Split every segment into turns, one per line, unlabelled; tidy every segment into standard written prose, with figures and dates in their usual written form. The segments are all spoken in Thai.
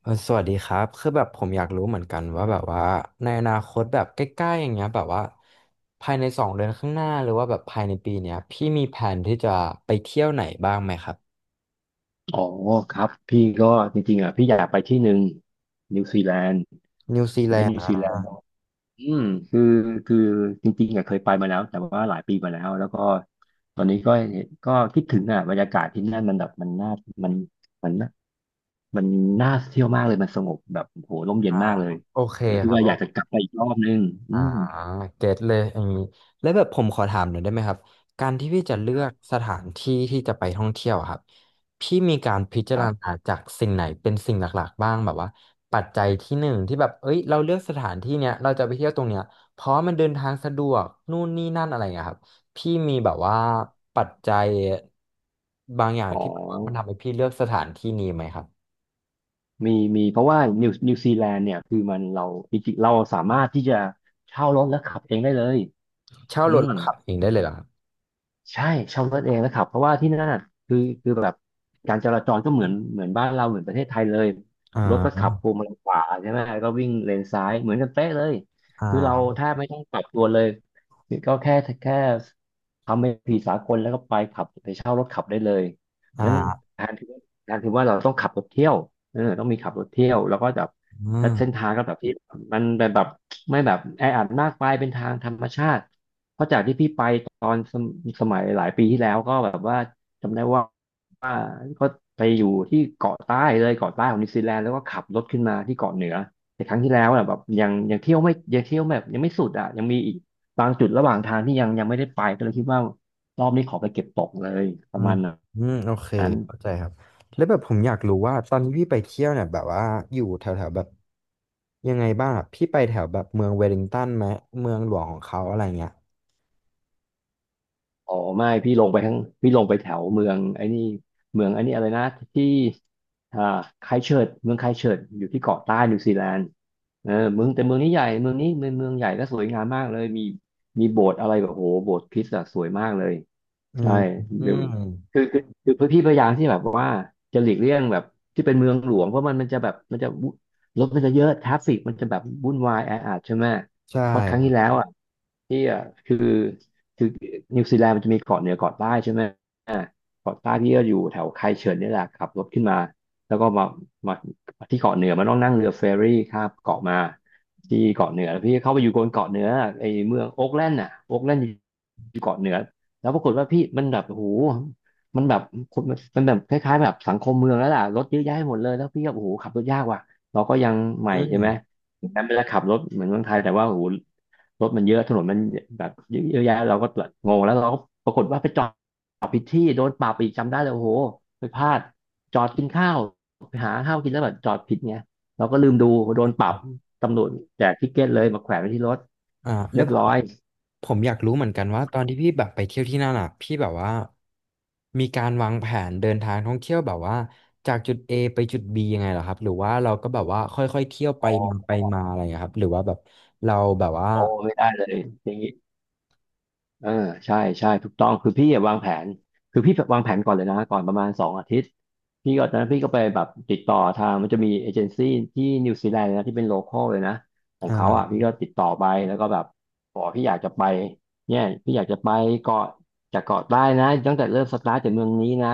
สวัสดีครับคือแบบผมอยากรู้เหมือนกันว่าแบบว่าในอนาคตแบบใกล้ๆอย่างเงี้ยแบบว่าภายใน2 เดือนข้างหน้าหรือว่าแบบภายในปีเนี้ยพี่มีแผนที่จะไปเที่ยวไหนบ้างไหมครับ
อ๋อครับพี่ก็จริงๆอ่ะพี่อยากไปที่หนึ่งนิวซีแลนด์
นิวซี
ประ
แล
เทศ
น
นิ
ด์
วซีแลนด์เนาะอืมคือคือจริงๆอ่ะเคยไปมาแล้วแต่ว่าหลายปีมาแล้วแล้วก็ตอนนี้ก็ก็คิดถึงอ่ะบรรยากาศที่นั่นมันแบบมันน่ามันมันน่ามันน่าเที่ยวมากเลยมันสงบแบบโหร่มเย็น
อ่า
มากเลย
โอเค
แล้วคิ
ค
ด
รับ
ว่าอยากจะกลับไปอีกรอบนึงอื
อ่า
ม
เก็ตเลยอย่างนี้แล้วแบบผมขอถามหน่อยได้ไหมครับการที่พี่จะเลื
ค
อ
รับ
กสถานที่ที่จะไปท่องเที่ยวอะครับพี่มีการพิจา
ค
ร
รั
ณา
บ
จากสิ่งไหนเป็นสิ่งหลักๆบ้างแบบว่าปัจจัยที่หนึ่งที่แบบเอ้ยเราเลือกสถานที่เนี้ยเราจะไปเที่ยวตรงเนี้ยเพราะมันเดินทางสะดวกนู่นนี่นั่นอะไรอย่างเงี้ยครับพี่มีแบบว่าปัจจัยบางอย่าง
อ๋อ
ที่แบบว่ามันทำให้พี่เลือกสถานที่นี้ไหมครับ
มีเพราะว่านิวซีแลนด์เนี่ยคือมันเราจริงๆเราสามารถที่จะเช่ารถแล้วขับเองได้เลย
เช่า
อื
รถ
ม
แล้วขับเองได้เลยเหรอครับ
ใช่เช่ารถเองนะครับเพราะว่าที่นั่นน่ะคือคือแบบการจราจรก็เหมือนบ้านเราเหมือนประเทศไทยเลย
อ่
รถก็ขั
า
บพวงมาลัยขวาใช่ไหมก็วิ่งเลนซ้ายเหมือนกันเป๊ะเลยคือเรา
อ่า
แทบไม่ต้องปรับตัวเลยก็แค่ทำเป็นผีสากลแล้วก็ไปขับไปเช่ารถขับได้เลยนั้น
อ่า
แทนที่แทนที่ว่าเราต้องขับรถเที่ยวเออต้องมีขับรถเที่ยวแล้วก็แบบ
อื
แล้วเส้น
ม
ทางก็แบบที่มันแบบไม่แบบแออัดมากไปเป็นทางธรรมชาติ เพราะจากที่พี่ไปตอนสมสมัยหลายปีที่แล้วก็แบบว่าจำได้ว่าก็ไปอยู่ที่เกาะใต้เลยเกาะใต้ของนิวซีแลนด์แล้วก็ขับรถขึ้นมาที่เกาะเหนือแต่ครั้งที่แล้วอะแบบยังเที่ยวแบบยังไม่สุดอ่ะยังมีอีกบางจุดระหว่างทางที่ยังไม่ได้ไปก็เลยคิดว่ารอบนี้ขอไปเก็บตกเลยป
อื
ระ
ม
มาณน
อืมโอเค
ั้น
เข้าใจครับ แล้วแบบผมอยากรู้ว่าตอนที่พี่ไปเที่ยวเนี่ยแบบว่าอยู่แถวแถวแบบยังไงบ้างอะพี่ไปแถวแบบเมืองเวลลิงตันไหมเมืองหลวงของเขาอะไรเงี้ย
อ๋อไม่พี่ลงไปทั้งพี่ลงไปแถวเมืองไอ้นี่เมืองไอ้นี่อะไรนะที่อ่าไครสต์เชิร์ชเมืองไครสต์เชิร์ชอยู่ที่เกาะใต้นิวซีแลนด์เออเมืองแต่เมืองนี้ใหญ่เมืองนี้เมืองใหญ่ก็สวยงามมากเลยมีโบสถ์อะไรแบบโหโบสถ์คริสต์อะสวยมากเลย
อื
ใช่
มอื
เดี๋ย
ม
วคือคือคือพี่พยายามที่แบบว่าจะหลีกเลี่ยงแบบที่เป็นเมืองหลวงเพราะมันจะแบบมันจะวุ่นรถมันจะเยอะทราฟฟิกมันจะแบบวุ่นวายแออัดใช่ไหม
ใช่
เพราะครั้
ค
ง
รั
ที่แล้
บ
วอ่ะที่อ่ะคือ คือนิวซีแลนด์มันจะมีเกาะเหนือเกาะใต้ใช่ไหมอ่าเกาะใต้พี่ก็อยู่แถวไคเฉินนี่แหละขับรถขึ้นมาแล้วก็มามาที่เกาะเหนือมันต้องนั่งเรือเฟอร์รี่ข้ามเกาะมาที่เกาะเหนือแล้วพี่เข้าไปอยู่บนเกาะเหนือไอ้เมืองโอ๊กแลนด์น่ะโอ๊กแลนด์อยู่เกาะเหนือแล้วปรากฏว่าพี่มันแบบโอ้โหมันแบบคนมันแบบคล้ายๆแบบสังคมเมืองแล้วล่ะรถเยอะแยะหมดเลยแล้วพี่ก็โอ้โหขับรถยากว่ะเราก็ยังให
อื
ม่
ม
ใช่ไหมแม้มันจะขับรถเหมือนเมืองไทยแต่ว่าโอ้โห รถมันเยอะถนนมันแบบเยอะแยะเราก็แบบงงแล้วเราก็ปรากฏว่าไปจอดผิดที่โดนปรับอีกจำได้เลยโอ้โหไปพลาดจอดกินข้าวไปหาข้าวกินแล้วแบบจอดผิดไงเราก็ลืมดูโดนป
ค
รับ
รับ
ตำรวจแจกทิกเก็ตเลยมาแขวนไว้ที่รถ
แล้
เรี
ว
ยบร้อย
ผมอยากรู้เหมือนกันว่าตอนที่พี่แบบไปเที่ยวที่นั่นอ่ะพี่แบบว่ามีการวางแผนเดินทางท่องเที่ยวแบบว่าจากจุด A ไปจุด B ยังไงเหรอครับหรือว่าเราก็แบบว่าค่อยๆเที่ยวไป
อ๋
มาไป
อ
มาอะไรอย่างเงี้ยครับหรือว่าแบบเราแบบว่า
อ๋อไม่ได้เลยอย่างนี้ เออใช่ถูกต้องคือพี่อะวางแผนคือพี่วางแผนก่อนเลยนะก่อนประมาณสองอาทิตย์พี่ก็ตอนนั้นพี่ก็ไปแบบติดต่อทางมันจะมีเอเจนซี่ที่นิวซีแลนด์นะที่เป็นโลคอลเลยนะขอ
อ
งเขาอ่ะพี่
่า
ก็ติดต่อไปแล้วก็แบบบอกพี่อยากจะไปเนี่ยพี่อยากจะไปเกาะจากเกาะใต้นะตั้งแต่เริ่มสตาร์ทจากเมืองนี้นะ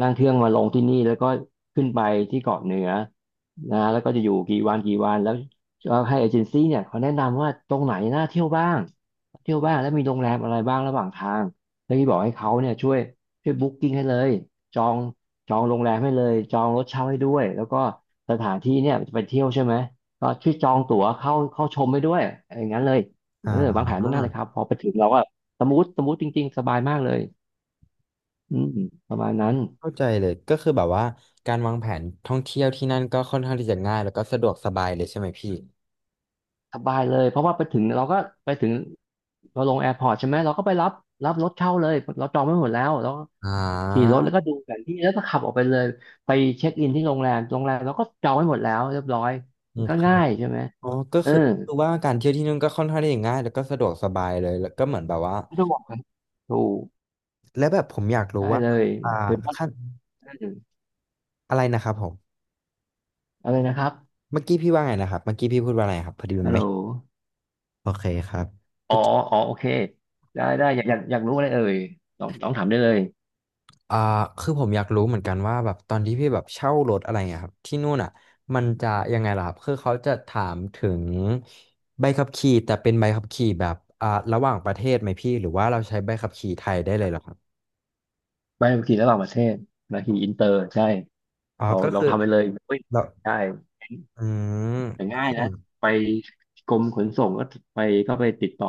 นั่งเครื่องมาลงที่นี่แล้วก็ขึ้นไปที่เกาะเหนือนะแล้วก็จะอยู่กี่วันกี่วันแล้วก็ให้เอเจนซี่เนี่ยเขาแนะนำว่าตรงไหนน่าเที่ยวบ้าง เที่ยวบ้างแล้วมีโรงแรมอะไรบ้างระหว่างทางแล้วพี่บอกให้เขาเนี่ยช่วยบุ๊กกิ้งให้เลยจองจองโรงแรมให้เลยจองรถเช่าให้ด้วยแล้วก็สถานที่เนี่ยจะไปเที่ยวใช่ไหมก็ช่วยจองตั๋วเข้าชมให้ด้วยอย่างนั้นเลย
อ่า
เออวางแผนล่วงหน้าเลยครับพอไปถึงเราก็สมูทจริงๆสบายมากเลยอืมประมาณนั้น
เข้าใจเลยก็คือแบบว่าการวางแผนท่องเที่ยวที่นั่นก็ค่อนข้างที่จะง่ายแล้วก็สะดวกสบายเลยใช่ไหมพี่
สบายเลยเพราะว่าไปถึงเราก็ไปถึงเราลงแอร์พอร์ตใช่ไหมเราก็ไปรับรถเช่าเลยเราจองไว้หมดแล้ว
อ่
ขี่
า
รถแล้วก็ดูแผนที่แล้วก็ขับออกไปเลยไปเช็คอินที่โรงแรมโรงแรมเราก็จองไว้หมดแล้วเรียบร้อย
อื
มัน
ม
ก็
ครั
ง่า
บ
ยใช่ไหม
อ๋อก็
เออ
คือคือว่าการเที่ยวที่นู่นก็ค่อนข้างที่จะง่ายแล้วก็สะดวกสบายเลยแล้วก็เหมือนแบบว่า
ไม่ต้องบอกกันถูก
และแบบผมอยากรู้
ได้
ว่า
เลย
อ่า
ถือว่า
ขั้น
ได้เลย
อะไรนะครับผม
เอาเลยนะครับ
เมื่อกี้พี่ว่าไงนะครับเมื่อกี้พี่พูดว่าอะไรครับพอดีมั
ฮั
น
ลโหล
ไม่โอเคครับ
อ๋ออ๋อโอเคได้ได้อยากรู้อะไรเอ่ยลองถามได้เลย
อ่าคือผมอยากรู้เหมือนกันว่าแบบตอนที่พี่แบบเช่ารถอะไรเงี้ยครับที่นู่นอ่ะมันจะยังไงล่ะครับคือเขาจะถามถึงใบขับขี่แต่เป็นใบขับขี่แบบอ่าระหว่างประเทศไหมพี่หรือว่าเราใช้ใบขับขี่ไทยได้เลยเหรอครับ
ไปขี่ระหว่างประเทศมาขี่อินเตอร์ใช่
อ๋อ
เรา
ก็
ลอ
คื
ง
อ
ทำไปเลยอุ้ย
เรา
ใช่
อืม
แต่
ก็
ง่าย
คือ
นะไปกรมขนส่งก็ไปก็ไปติดต่อ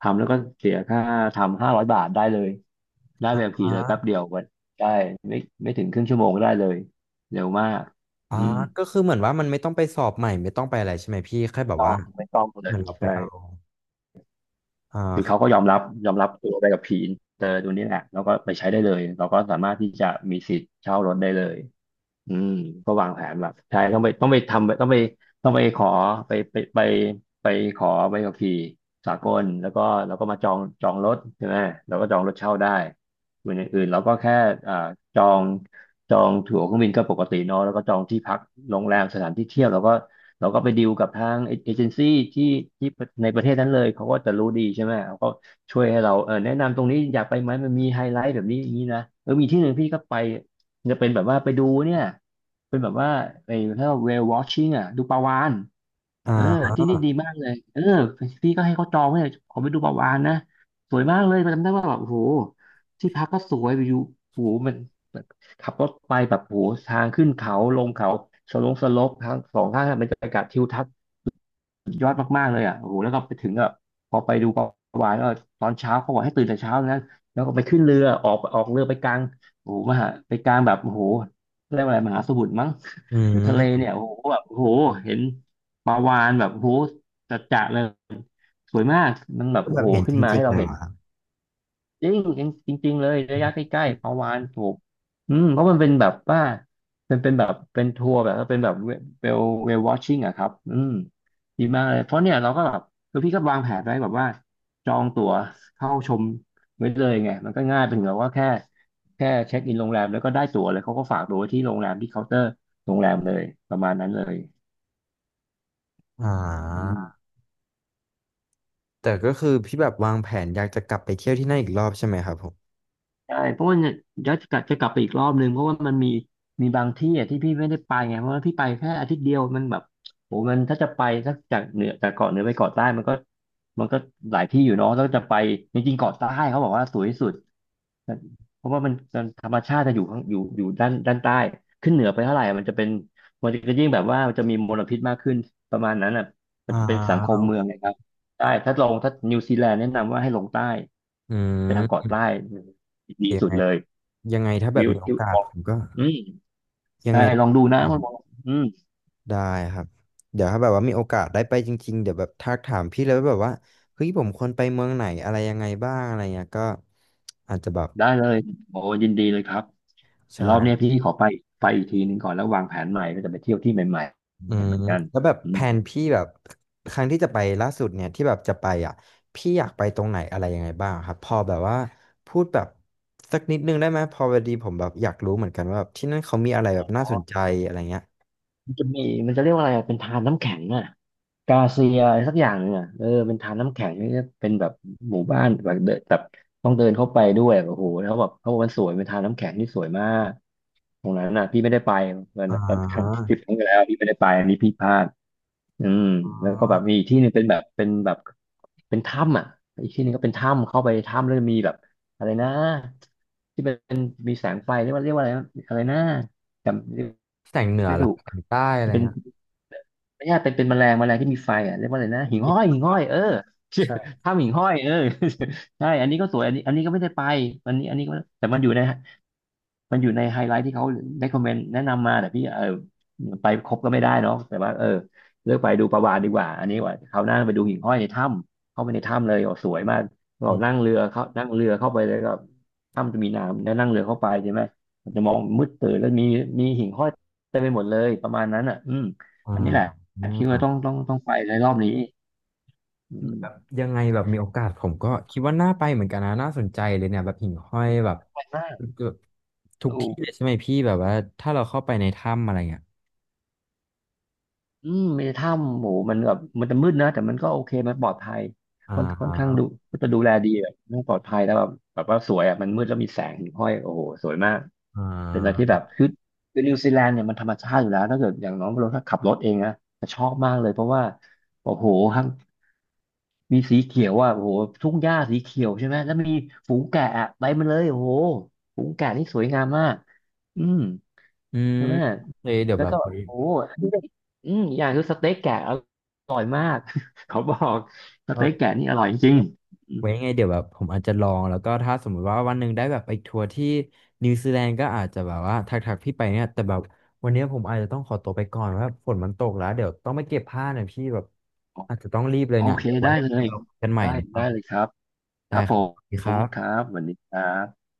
ทำแล้วก็เสียค่าทำ500 บาทได้เลย ได้แบบ
อ
ขี่เลยแป๊บ
่า
เดียววันได้ไม่ไม่ถึงครึ่งชั่วโมงก็ได้เลยเร็วมากอื
อ่า
ม
ก็คือเหมือนว่ามันไม่ต้องไปสอบใหม่ไม่ต้องไปอะไรใช่ไหมพี่แค่
ไม่
แบบ
ต้อ
ว่า
งไม่ต้องเล
เหมื
ย
อนเราไป
ใช่
เอาอ่า
คือ
ครั
เขา
บ
ก็ยอมรับตัวได้กับผีอินเตอร์ตัวนี้แหละแล้วก็ไปใช้ได้เลยเราก็สามารถที่จะมีสิทธิ์เช่ารถได้เลยอืมก็วางแผนแบบใช่ต้องไปต้องไปทำต้องไปต้องไปขอไปไปไปไปขอใบขับขี่สากลแล้วก็มาจองรถใช่ไหมเราก็จองรถเช่าได้ส่วนอย่างอื่นเราก็แค่อ่าจองจองตั๋วเครื่องบินก็ปกติเนอะแล้วก็จองที่พักโรงแรมสถานที่เที่ยวเราก็ เราก็ไปดีลกับทางเอเจนซี่ที่ที่ในประเทศนั้นเลยเขาก็จะรู้ดีใช่ไหมเขาก็ช่วยให้เราแนะนำตรงนี้อยากไปไหมมันมีไฮไลท์แบบนี้อย่างนี้นะเออมีที่หนึ่งพี่ก็ไปจะเป็นแบบว่าไปดูเนี่ยเป็นแบบว่าไอ้ถ้า whale watching อ่ะดูปลาวาฬเออ
อ่า
ที่นี่ดีมากเลยเออพี่ก็ให้เขาจองไว้เลยขอไปดูปลาวาฬนะสวยมากเลยจำได้ว่าแบบโอ้โหที่พักก็สวยอยู่โอ้โหมัน ขับรถไปแบบโหทางขึ้นเขาลงเขาสลงสลบทางสองข้างทางบรรยากาศทิวทัศน์สุดยอดมากๆเลยอ่ะโอ้โหแล้วก็ไปถึงอ่ะพอไปดูประวายก็ตอนเช้าเขาบอกให้ตื่นแต่เช้านะแล้วก็ไปขึ้นเรือออกเรือไปกลางโอ้โหมหาไปกลางแบบโอ้โหเรียกว่าอะไรมหาสมุทรมั้ง
อื
หรือทะเล
ม
เนี่ยโอ้โหแบบโอ้โหเห็นปลาวาฬแบบโอ้โหจัดๆเลยสวยมากมันแบบ
ก็
โอ้
แบบ
โห
เห็น
ขึ้
จ
นมา
ริ
ให้
งๆ
เรา
เลย
เห็
เห
น
รอครับ
จริงจริงจริงๆเลยระยะใกล้ๆประวานถูกอืมเพราะมันเป็นแบบว่ามันเป็นแบบเป็นทัวร์แบบว่าเป็นแบบวลเวลวอชชิ่งอะครับอืมดีมากเลยเพราะเนี่ยเราก็แบบคือพี่ก็วางแผนไว้แบบว่าจองตั๋วเข้าชมไว้เลยไงมันก็ง่ายเป็นแบบว่าแค่เช็คอินโรงแรมแล้วก็ได้ตั๋วเลยเขาก็ฝากตั๋วไว้ที่โรงแรมที่เคาน์เตอร์โรงแรมเลยประมาณนั้นเลย
อ่
อื
า
ม
แต่ก็คือพี่แบบวางแผนอยากจะกลับไปเที่ยวที่นั่นอีกรอบใช่ไหมครับผม
ใช่เพราะว่าเนี่ยเดี๋ยวจะกลับไปอีกรอบนึงเพราะว่ามันมีบางที่อ่ะที่พี่ไม่ได้ไปไงเพราะว่าพี่ไปแค่อาทิตย์เดียวมันแบบโหมันถ้าจะไปสักจากเหนือจากเกาะเหนือไปเกาะใต้มันก็หลายที่อยู่เนาะแล้วจะไปจริงๆเกาะใต้เขาบอกว่าสวยที่สุดเพราะว่ามันธรรมชาติจะอยู่ข้างอยู่อยู่ด้านใต้ขึ้นเหนือไปเท่าไหร่มันจะยิ่งแบบว่ามันจะมีมลพิษมากขึ้นประมาณนั้นอ่ะมั
อ่
นจะเป็นสังคม
า
เมืองนะครับใช่ถ้านิวซีแลนด์แนะนำว่าให้ลงใต้
อื
ไปทางเกาะ
ม
ใต้ดี
ยัง
สุ
ไง
ดเลย
ยังไงถ้าแบ
วิ
บ
ว
มีโอ
ทิว
กาส
ออ
ผ
ก
มก็
อืม
ยัง
ใช่
ไงถ้า
ลอง
มี
ดู
โอ
นะ
กา
คุ
ส
ณบอลอืม
ได้ครับเดี๋ยวถ้าแบบว่ามีโอกาสได้ไปจริงๆเดี๋ยวแบบทักถามพี่แล้วาแบบว่าเฮ้ยผมควรไปเมืองไหนอะไรยังไงบ้างอะไรเงี้ยก็อาจจะแบบ
ได้เลยโอ้ยินดีเลยครับแต่
ใช่
รอบเนี้ยพี่ขอไปไปอีกทีหนึ่งก่อนแล้ววางแผนใหม่ก็จะไปเที่ยวที่ใหม่
อื
ๆ
ม
เหมือนกัน
แล้วแบบ
อื
แผ
ม
นพี่แบบครั้งที่จะไปล่าสุดเนี่ยที่แบบจะไปอ่ะพี่อยากไปตรงไหนอะไรยังไงบ้างครับพอแบบว่าพูดแบบสักนิดนึงได้ไหมพอพอดีผมแบบอยากรู้เหมือนกันว่าแบบที่นั่นเขามีอะไรแบบน่าสนใจอะไรเงี้ย
มันจะมีมันจะเรียกว่าอะไรอะเป็นทานน้ำแข็งอ่ะกาเซียอะไรสักอย่างหนึ่งอ่ะเออเป็นทานน้ำแข็งนี่เป็นแบบหมู่บ้านแบบเดินแบบต้องเดินเข้าไปด้วยแบบโอ้โหแล้วแบบเขาบอกมันสวยเป็นทานน้ำแข็งที่สวยมากตรงนั้นน่ะพี่ไม่ได้ไปมัน
อ่
มันครั้งท
า
ริปครั้งที่แล้วพี่ไม่ได้ไปอันนี้พี่พลาดอืม
อ่า
แล้วก็แบบมีอีกที่หนึ่งเป็นแบบเป็นถ้ำอ่ะอีกที่หนึ่งก็เป็นถ้ำเข้าไปถ้ำแล้วมีแบบอะไรนะที่เป็นมีแสงไฟเรียกว่าอะไรนะจำ
แสงเหนือ
ไม่
เหรอ
ถูก
แสงใต้อะไรเงี้ย
ไม่ใช่เป็นแมลงที่มีไฟอ่ะเรียกว่าอะไรนะหิ่งห้อยเออ
ใช่
ถ้ำหิ่งห้อยเออ ใช่อันนี้ก็สวยอันนี้ก็ไม่ได้ไปอันนี้อันนี้ก็แต่มันอยู่ใน มันอยู่ในไฮไลท์ที่เขาได้คอมเมนต์แนะนำมาแต่พี่เออไปครบก็ไม่ได้เนาะแต่ว่าเออเลือกไปดูประวานดีกว่าอันนี้ว่าคราวหน้าไปดูหิ่งห้อยในถ้ำเข้าไปในถ้ำเลยโอ้สวยมากเรา
อม
นั่งเรือเขานั่งเรือเข้าไปเลยก็ถ้ำจะมีน้ำแล้วนั่งเรือเข้าไปใช่ไหมมันจะมองมืดตื่นแล้วมีหิ่งห้อยเต็มไปหมดเลยประมาณนั้นอ่ะอืม
อ่า
อันนี้แหละคิด
อ่า
ว่าต้องไปในรอบนี้อื
แบบ
ม
ยังไงแบบมีโอกาสผมก็คิดว่าน่าไปเหมือนกันนะน่าสนใจเลยเนี่ยแบบหิ่งห้อยแบบ
ไปมาก
ทุก
ดู
ที่เลยใช่ไหมพี่แบบว่าถ้าเราเข้าไปในถ้ำอะไรเงี้ย
อืมมีถ้ำโหมมันแบบมันจะมืดนะแต่มันก็โอเคมันปลอดภัย
อ่
ค่อนข้าง
า
ดูก็จะดูแลดีแบบมันปลอดภัยแล้วแบบว่าสวยอ่ะมันมืดแล้วมีแสงห้อยโอ้โหสวยมาก
อ่
เป็นอะไรที่
า
แบบคือนิวซีแลนด์เนี่ยมันธรรมชาติอยู่แล้วถ้าเกิดอย่างน้องเราถ้าขับรถเองนะจะชอบมากเลยเพราะว่าโอ้โหทั้งมีสีเขียวอ่ะโอ้โหทุ่งหญ้าสีเขียวใช่ไหมแล้วมีฝูงแกะอะไปมันเลยโอ้โหฝูงแกะนี่สวยงามมากอืม
อืม
ใช่ไหม
เฮ้ยเดี๋ยว
แล้
แบ
ว
บ
ก็แบบ
ไว้
โอ้โหอันนี้ก็อืมอย่างคือสเต็กแกะอร่อยมาก เขาบอกส
โอ
เต็ก
เค
แกะนี่อ
ครั
ร่อ
บ
ยจริงอืม
ไว้ยังไงเดี๋ยวแบบผมอาจจะลองแล้วก็ถ้าสมมุติว่าวันหนึ่งได้แบบไปทัวร์ที่นิวซีแลนด์ก็อาจจะแบบว่าทักทักพี่ไปเนี่ย แต่แบบวันเนี้ยผมอาจจะต้องขอตัวไปก่อนว่าฝนมันตกแล้วเดี๋ยวต้องไปเก็บผ้าหน่อยพี่แบบอาจจะต้องรีบเลย
โอ
เนี่ย
เค
เดี๋ยวไว้
ได้
ยั
เล
งไง
ย
เราคุยกันใหม่
ได้
นะครั
ได้
บ
เลยครับค
ได้
รับ
ค
ผ
รับสวัสดีค
ม
รั
ครั
บ
บสวัสดีครับ